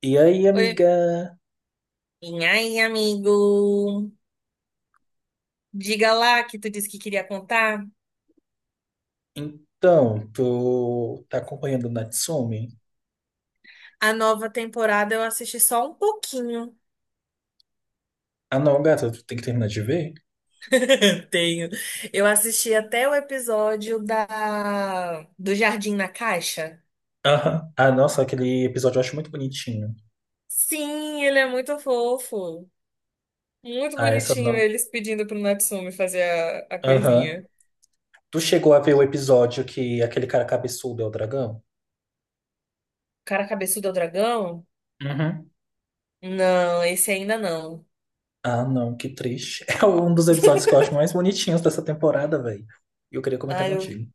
E aí, Oi. amiga? E aí, amigo? Diga lá que tu disse que queria contar. Então, tu tá acompanhando o Natsumi? A nova temporada eu assisti só um pouquinho. Ah, não, gata, tu tem que terminar de ver? Tenho. Eu assisti até o episódio da do Jardim na Caixa. Aham. Ah, nossa, aquele episódio eu acho muito bonitinho. Sim, ele é muito fofo. Muito Ah, essa bonitinho não. eles pedindo pro Natsume fazer a Aham. coisinha. O Tu chegou a ver o episódio que aquele cara cabeçudo é o dragão? cara cabeçudo é o dragão? Uhum. Não, esse ainda não. Ah, não, que triste. É um dos episódios que eu acho mais bonitinhos dessa temporada, velho. E eu queria comentar Ah, eu contigo.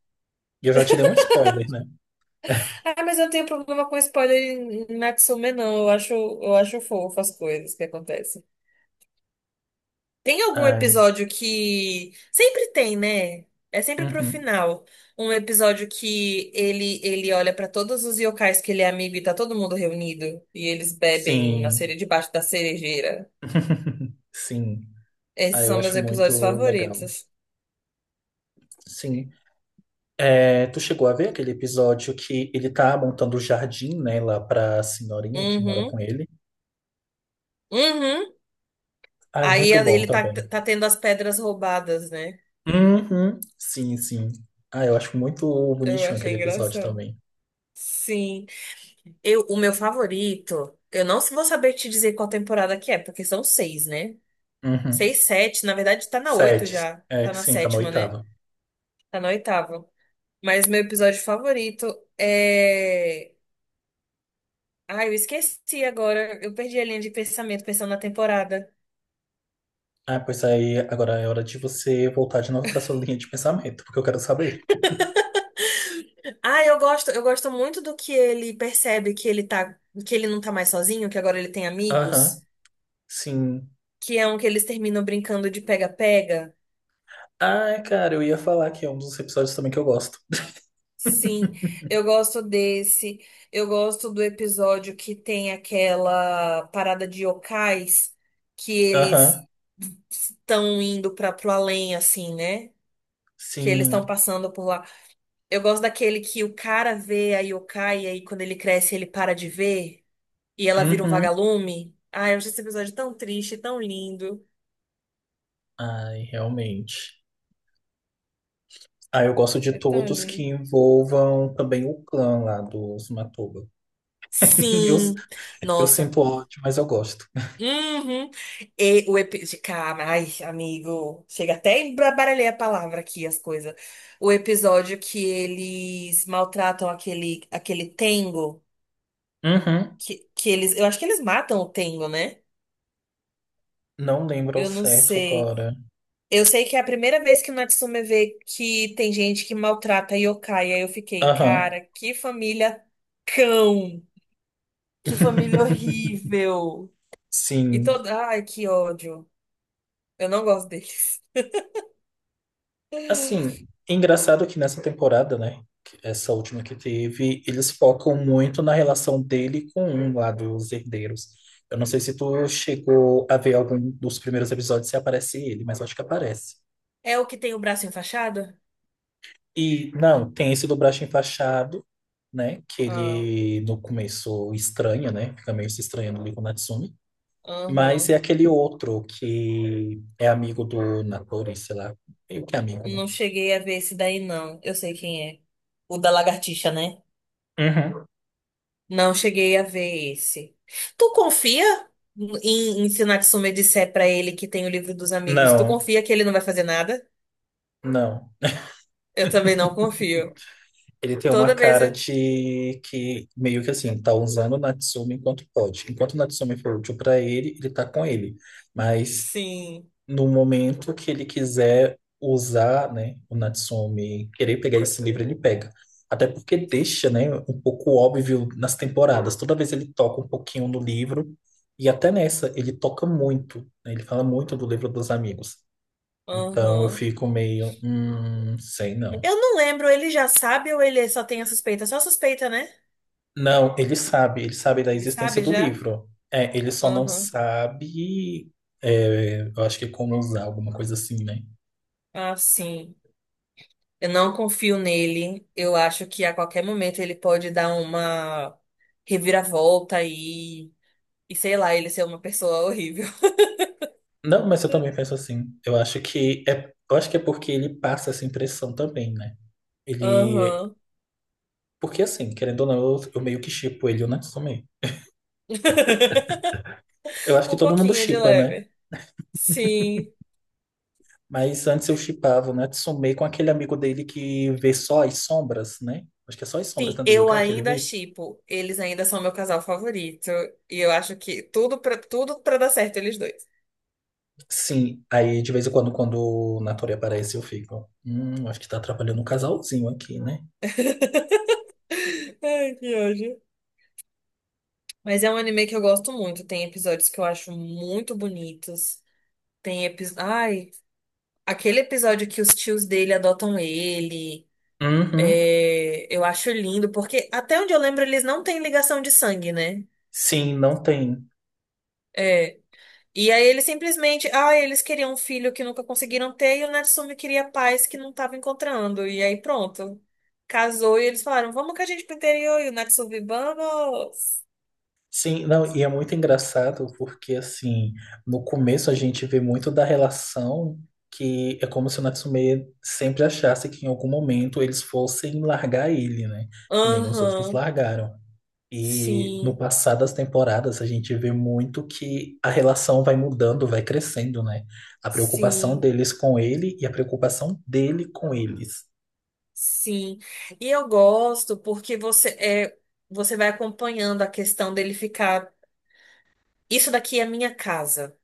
E eu já te dei um spoiler, né? Ah, mas eu não tenho problema com spoiler em Natsume, não. Eu acho fofo as coisas que acontecem. Tem algum Ai. episódio que. Sempre tem, né? É sempre pro Uhum. final. Um episódio que ele olha pra todos os yokais que ele é amigo e tá todo mundo reunido. E eles bebem na Sim. cereja, debaixo da cerejeira. Sim, ah, Esses eu são meus acho episódios muito legal. favoritos. Sim. É, tu chegou a ver aquele episódio que ele tá montando o jardim, né, lá pra senhorinha que mora Uhum. com ele? Uhum. Ai, Aí muito bom ele tá, também. tá tendo as pedras roubadas, né? Uhum. Sim, sim. Ah, eu acho muito Eu bonitinho achei aquele episódio engraçado. também. Sim. O meu favorito, eu não vou saber te dizer qual temporada que é, porque são seis, né? Uhum. Seis, sete, na verdade tá na oito Sete. já. É, Tá na sim, tá na sétima, né? oitava. Tá na oitava. Mas meu episódio favorito é. Ai, eu esqueci agora. Eu perdi a linha de pensamento pensando na temporada. Ah, pois aí agora é hora de você voltar de novo pra sua linha de pensamento, porque eu quero saber. Ah, eu gosto muito do que ele percebe que ele tá, que ele não tá mais sozinho, que agora ele tem Aham, amigos, sim. que é um que eles terminam brincando de pega-pega. Ai, cara, eu ia falar que é um dos episódios também que eu gosto. Sim, eu gosto desse. Eu gosto do episódio que tem aquela parada de yokais que Aham, eles estão indo para pro além, assim, né? Que eles estão sim. passando por lá. Eu gosto daquele que o cara vê a yokai e aí quando ele cresce ele para de ver e ela vira um Uhum. vagalume. Ah, eu acho esse episódio tão triste, tão lindo. Ai, realmente. Ah, eu gosto de É tão todos que lindo. envolvam também o clã lá dos Matuba. Eu, Sim, eu nossa. sinto ódio, mas eu gosto. Uhum. E o episódio. Cara, ai, amigo. Chega até embaralhei a palavra aqui, as coisas. O episódio que eles maltratam aquele Tengo. Uhum. Que eles. Eu acho que eles matam o Tengo, né? Não lembro ao Eu não certo sei. agora. Eu sei que é a primeira vez que o Natsume vê que tem gente que maltrata yokai. Aí eu fiquei, Aham. cara, que família cão. Que família horrível. E Sim. toda. Ai, que ódio. Eu não gosto deles. Assim, é engraçado que nessa temporada, né? Essa última que teve, eles focam muito na relação dele com um lá dos herdeiros. Eu não sei se tu chegou a ver algum dos primeiros episódios se aparece ele, mas eu acho que aparece. É o que tem o braço enfaixado? E não, tem esse do braço enfaixado, né? Que Ah, ele no começo estranha, né? Fica meio se estranhando ali com o Natsumi. Mas é aham. aquele outro que é amigo do Natori, sei lá. Meio que amigo, né? Não cheguei a ver esse daí, não. Eu sei quem é. O da lagartixa, né? Uhum. Não cheguei a ver esse. Tu confia em Tsunatsumi disser pra ele que tem o livro dos amigos? Tu Não, confia que ele não vai fazer nada? não. Eu também não confio. Ele tem uma Toda vez. cara Eu- de que meio que assim, tá usando o Natsumi enquanto pode. Enquanto o Natsumi for útil pra ele, ele tá com ele. Mas Sim. no momento que ele quiser usar, né, o Natsumi, querer pegar esse livro, ele pega. Até porque deixa, né, um pouco óbvio nas temporadas. Toda vez ele toca um pouquinho no livro e até nessa ele toca muito, né? Ele fala muito do livro dos amigos. Então eu Aham. fico meio, sei não. Eu não lembro, ele já sabe ou ele só tem a suspeita? Só suspeita, né? Não, ele sabe da Ele existência sabe do já? livro. É, ele só não Aham. sabe, é, eu acho que como usar alguma coisa assim, né? Ah, sim. Eu não confio nele. Eu acho que a qualquer momento ele pode dar uma reviravolta e sei lá, ele ser uma pessoa horrível. Não, mas eu também penso assim. Eu acho que é, eu acho que é porque ele passa essa impressão também, né? Ele, Aham. porque assim, querendo ou não, eu meio que shippo ele, o Natsume. Eu acho que Um todo mundo pouquinho de shippa, né? leve. Sim. Mas antes eu shippava o Natsume com aquele amigo dele que vê só as sombras, né? Acho que é só as sombras, Sim, né, do eu yokai que ele ainda vê. shippo. Eles ainda são meu casal favorito. E eu acho que tudo pra dar certo eles dois. Sim, aí de vez em quando, quando o Natori aparece, eu fico. Acho que tá atrapalhando um casalzinho aqui, né? Ai, que ódio. Mas é um anime que eu gosto muito. Tem episódios que eu acho muito bonitos. Tem episódios. Aquele episódio que os tios dele adotam ele, Uhum. é, eu acho lindo, porque até onde eu lembro eles não têm ligação de sangue, né? Sim, não tem. É. E aí eles simplesmente, ah, eles queriam um filho que nunca conseguiram ter e o Natsumi queria paz que não tava encontrando. E aí pronto, casou e eles falaram, vamos com a gente pro interior e o Natsumi, vamos. Sim, não, e é muito engraçado porque, assim, no começo a gente vê muito da relação que é como se o Natsume sempre achasse que em algum momento eles fossem largar ele, né? Que nem os outros Aham, largaram. E no sim, passar das temporadas, a gente vê muito que a relação vai mudando, vai crescendo, né? A preocupação sim, deles com ele e a preocupação dele com eles. sim. E eu gosto porque você é, você vai acompanhando a questão dele ficar. Isso daqui é a minha casa.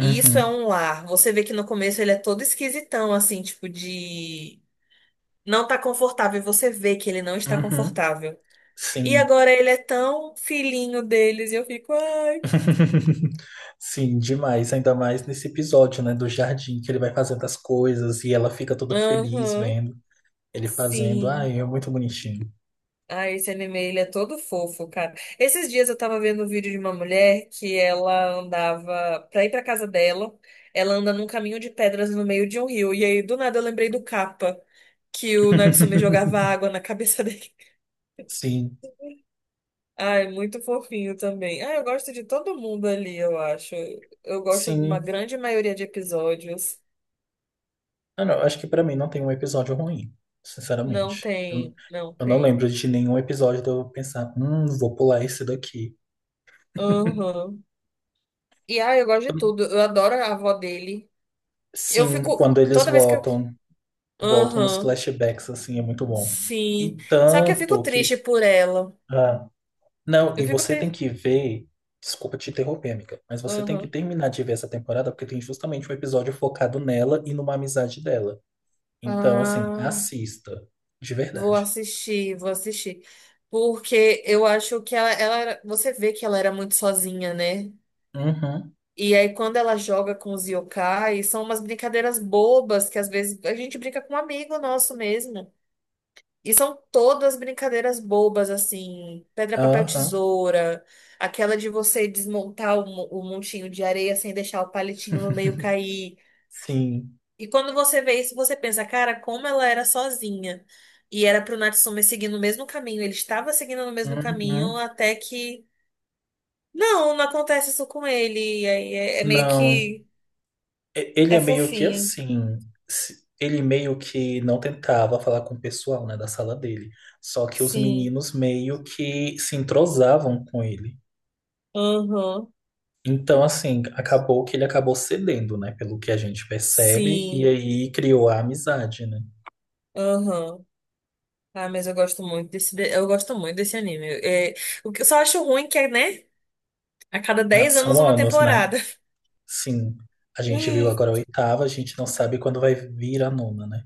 E isso é um lar. Você vê que no começo ele é todo esquisitão, assim, tipo de. Não tá confortável. E você vê que ele não está uhum, confortável. E sim. agora ele é tão filhinho deles. E eu fico, ai. Sim, demais. Ainda mais nesse episódio, né? Do jardim, que ele vai fazendo as coisas e ela fica toda feliz Aham, vendo ele fazendo. sim. Ai, é muito bonitinho. Ah, esse anime, ele é todo fofo, cara. Esses dias eu tava vendo um vídeo de uma mulher que ela andava, pra ir pra casa dela, ela anda num caminho de pedras no meio de um rio. E aí, do nada, eu lembrei do Kappa, que o Natsume jogava água na cabeça dele. Sim, Ai, muito fofinho também. Ah, eu gosto de todo mundo ali, eu acho. Eu gosto de uma sim. grande maioria de episódios. Ah, não, acho que pra mim não tem um episódio ruim, Não sinceramente. Tem, não Eu não tem. lembro de nenhum episódio de eu pensar, vou pular esse daqui. Aham. E ah, eu gosto de tudo. Eu adoro a avó dele. Eu Sim, fico. quando eles Toda vez que eu. voltam, voltam nos Aham. flashbacks, assim, é muito bom. E Sim. Só que eu fico tanto que. triste por ela. Ah, não, Eu e fico você tem triste. que ver. Desculpa te interromper, amiga, mas você tem que terminar de ver essa temporada porque tem justamente um episódio focado nela e numa amizade dela. Então, assim, Ah, assista, de vou verdade. assistir, vou assistir. Porque eu acho que você vê que ela era muito sozinha, né? Uhum, E aí, quando ela joga com os yokai, são umas brincadeiras bobas que às vezes a gente brinca com um amigo nosso mesmo. E são todas brincadeiras bobas, assim, pedra, papel, aham. tesoura, aquela de você desmontar o montinho de areia sem deixar o palitinho no meio cair. Sim. E quando você vê isso, você pensa, cara, como ela era sozinha. E era pro Natsume seguir no mesmo caminho. Ele estava seguindo no mesmo caminho Uhum. até que. Não, não acontece isso com ele. E aí é meio Não. que. Ele É é meio que fofinho. assim. Ele meio que não tentava falar com o pessoal, né, da sala dele. Só que os Sim. meninos meio que se entrosavam com ele. Aham. Então, assim, acabou que ele acabou cedendo, né, pelo que a gente percebe, e Sim. aí criou a amizade, né? Aham. Ah, mas eu gosto muito desse anime. É, o que eu, só acho ruim que é, né? A cada Ah, 10 anos são uma anos, né? temporada. Sim. A gente viu agora a oitava, a gente não sabe quando vai vir a nona, né?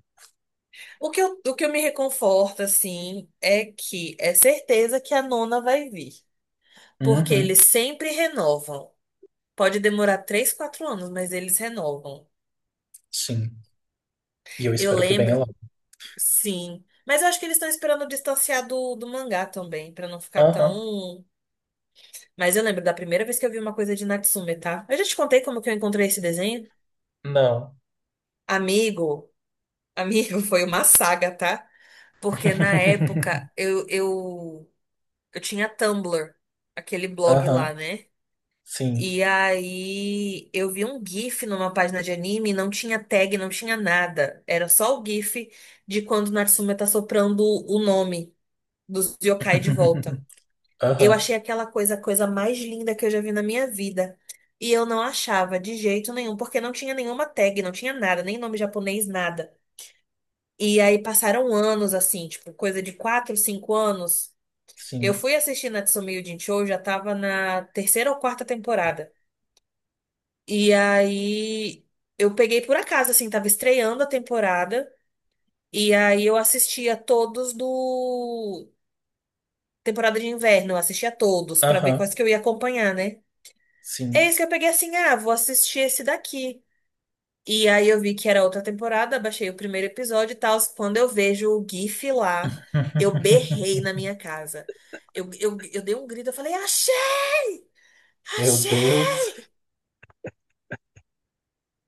O que eu me reconforto, assim, é que é certeza que a nona vai vir. Porque Uhum. eles sempre renovam. Pode demorar 3, 4 anos, mas eles renovam. Sim. E eu Eu espero que venha lembro, logo. sim. Mas eu acho que eles estão esperando distanciar do mangá também, pra não ficar Aham. tão. Mas eu lembro da primeira vez que eu vi uma coisa de Natsume, tá? Eu já te contei como que eu encontrei esse desenho? Não. Amigo, amigo, foi uma saga, tá? Porque na época eu tinha Tumblr, aquele blog lá, Aham, né? sim. E aí eu vi um GIF numa página de anime, não tinha tag, não tinha nada. Era só o GIF de quando Natsume tá soprando o nome dos yokai de volta. Eu Aham, achei aquela coisa a coisa mais linda que eu já vi na minha vida. E eu não achava de jeito nenhum, porque não tinha nenhuma tag, não tinha nada, nem nome japonês, nada. E aí passaram anos assim, tipo, coisa de 4 5 anos. Eu sim. fui assistir Natsume Yuujinchou, já tava na terceira ou quarta temporada. E aí eu peguei por acaso, assim, tava estreando a temporada. E aí eu assistia todos do temporada de inverno, eu assistia todos pra ver Aham, quais que eu ia acompanhar, né? É sim. isso que eu peguei assim, ah, vou assistir esse daqui. E aí eu vi que era outra temporada, baixei o primeiro episódio e tal. Quando eu vejo o GIF lá, eu berrei na minha casa. Eu dei um grito, eu falei, achei! Meu Achei! Deus.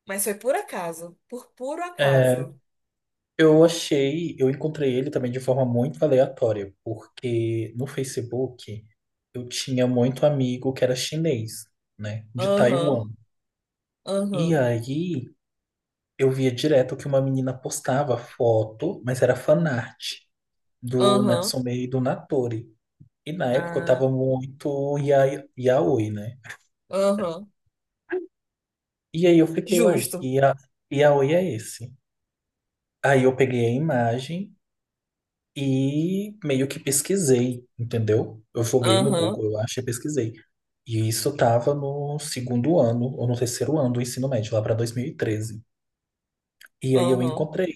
Mas foi por acaso, por puro É, acaso. eu achei, eu encontrei ele também de forma muito aleatória, porque no Facebook eu tinha muito amigo que era chinês, né, de Aham, Taiwan. E aham. aí eu via direto que uma menina postava foto, mas era fanart do Aham. Natsume e do Natori. E na época eu Ah, tava muito yaoi, né? aham. E aí eu fiquei, uai, Justo. que yaoi é esse? Aí eu peguei a imagem e meio que pesquisei, entendeu? Eu joguei no Aham. Google, eu achei, pesquisei. E isso tava no segundo ano, ou no terceiro ano do ensino médio, lá pra 2013. E treze. E aí eu Aham. encontrei.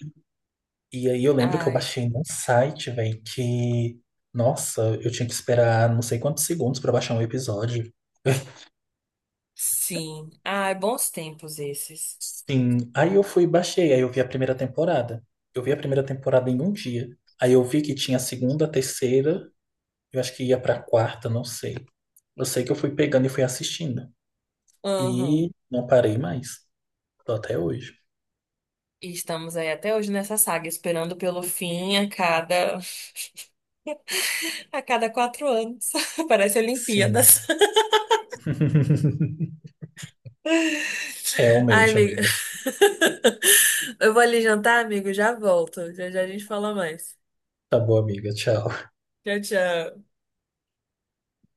E aí eu lembro que eu Ai, baixei num site, velho, que... Nossa, eu tinha que esperar não sei quantos segundos pra baixar um episódio. sim. Ai, bons tempos esses. Sim, aí eu fui e baixei, aí eu vi a primeira temporada. Eu vi a primeira temporada em um dia. Aí eu vi que tinha a segunda, a terceira, eu acho que ia pra quarta, não sei. Eu sei que eu fui pegando e fui assistindo. Aham. E não parei mais. Tô até hoje. E estamos aí até hoje nessa saga, esperando pelo fim a cada a cada 4 anos. Parece Olimpíadas. Sim. Ai, Realmente, amigo. amiga. Eu vou ali jantar, amigo. Já volto. Já já a gente fala mais. Tá bom, amiga. Tchau. Tchau, tchau.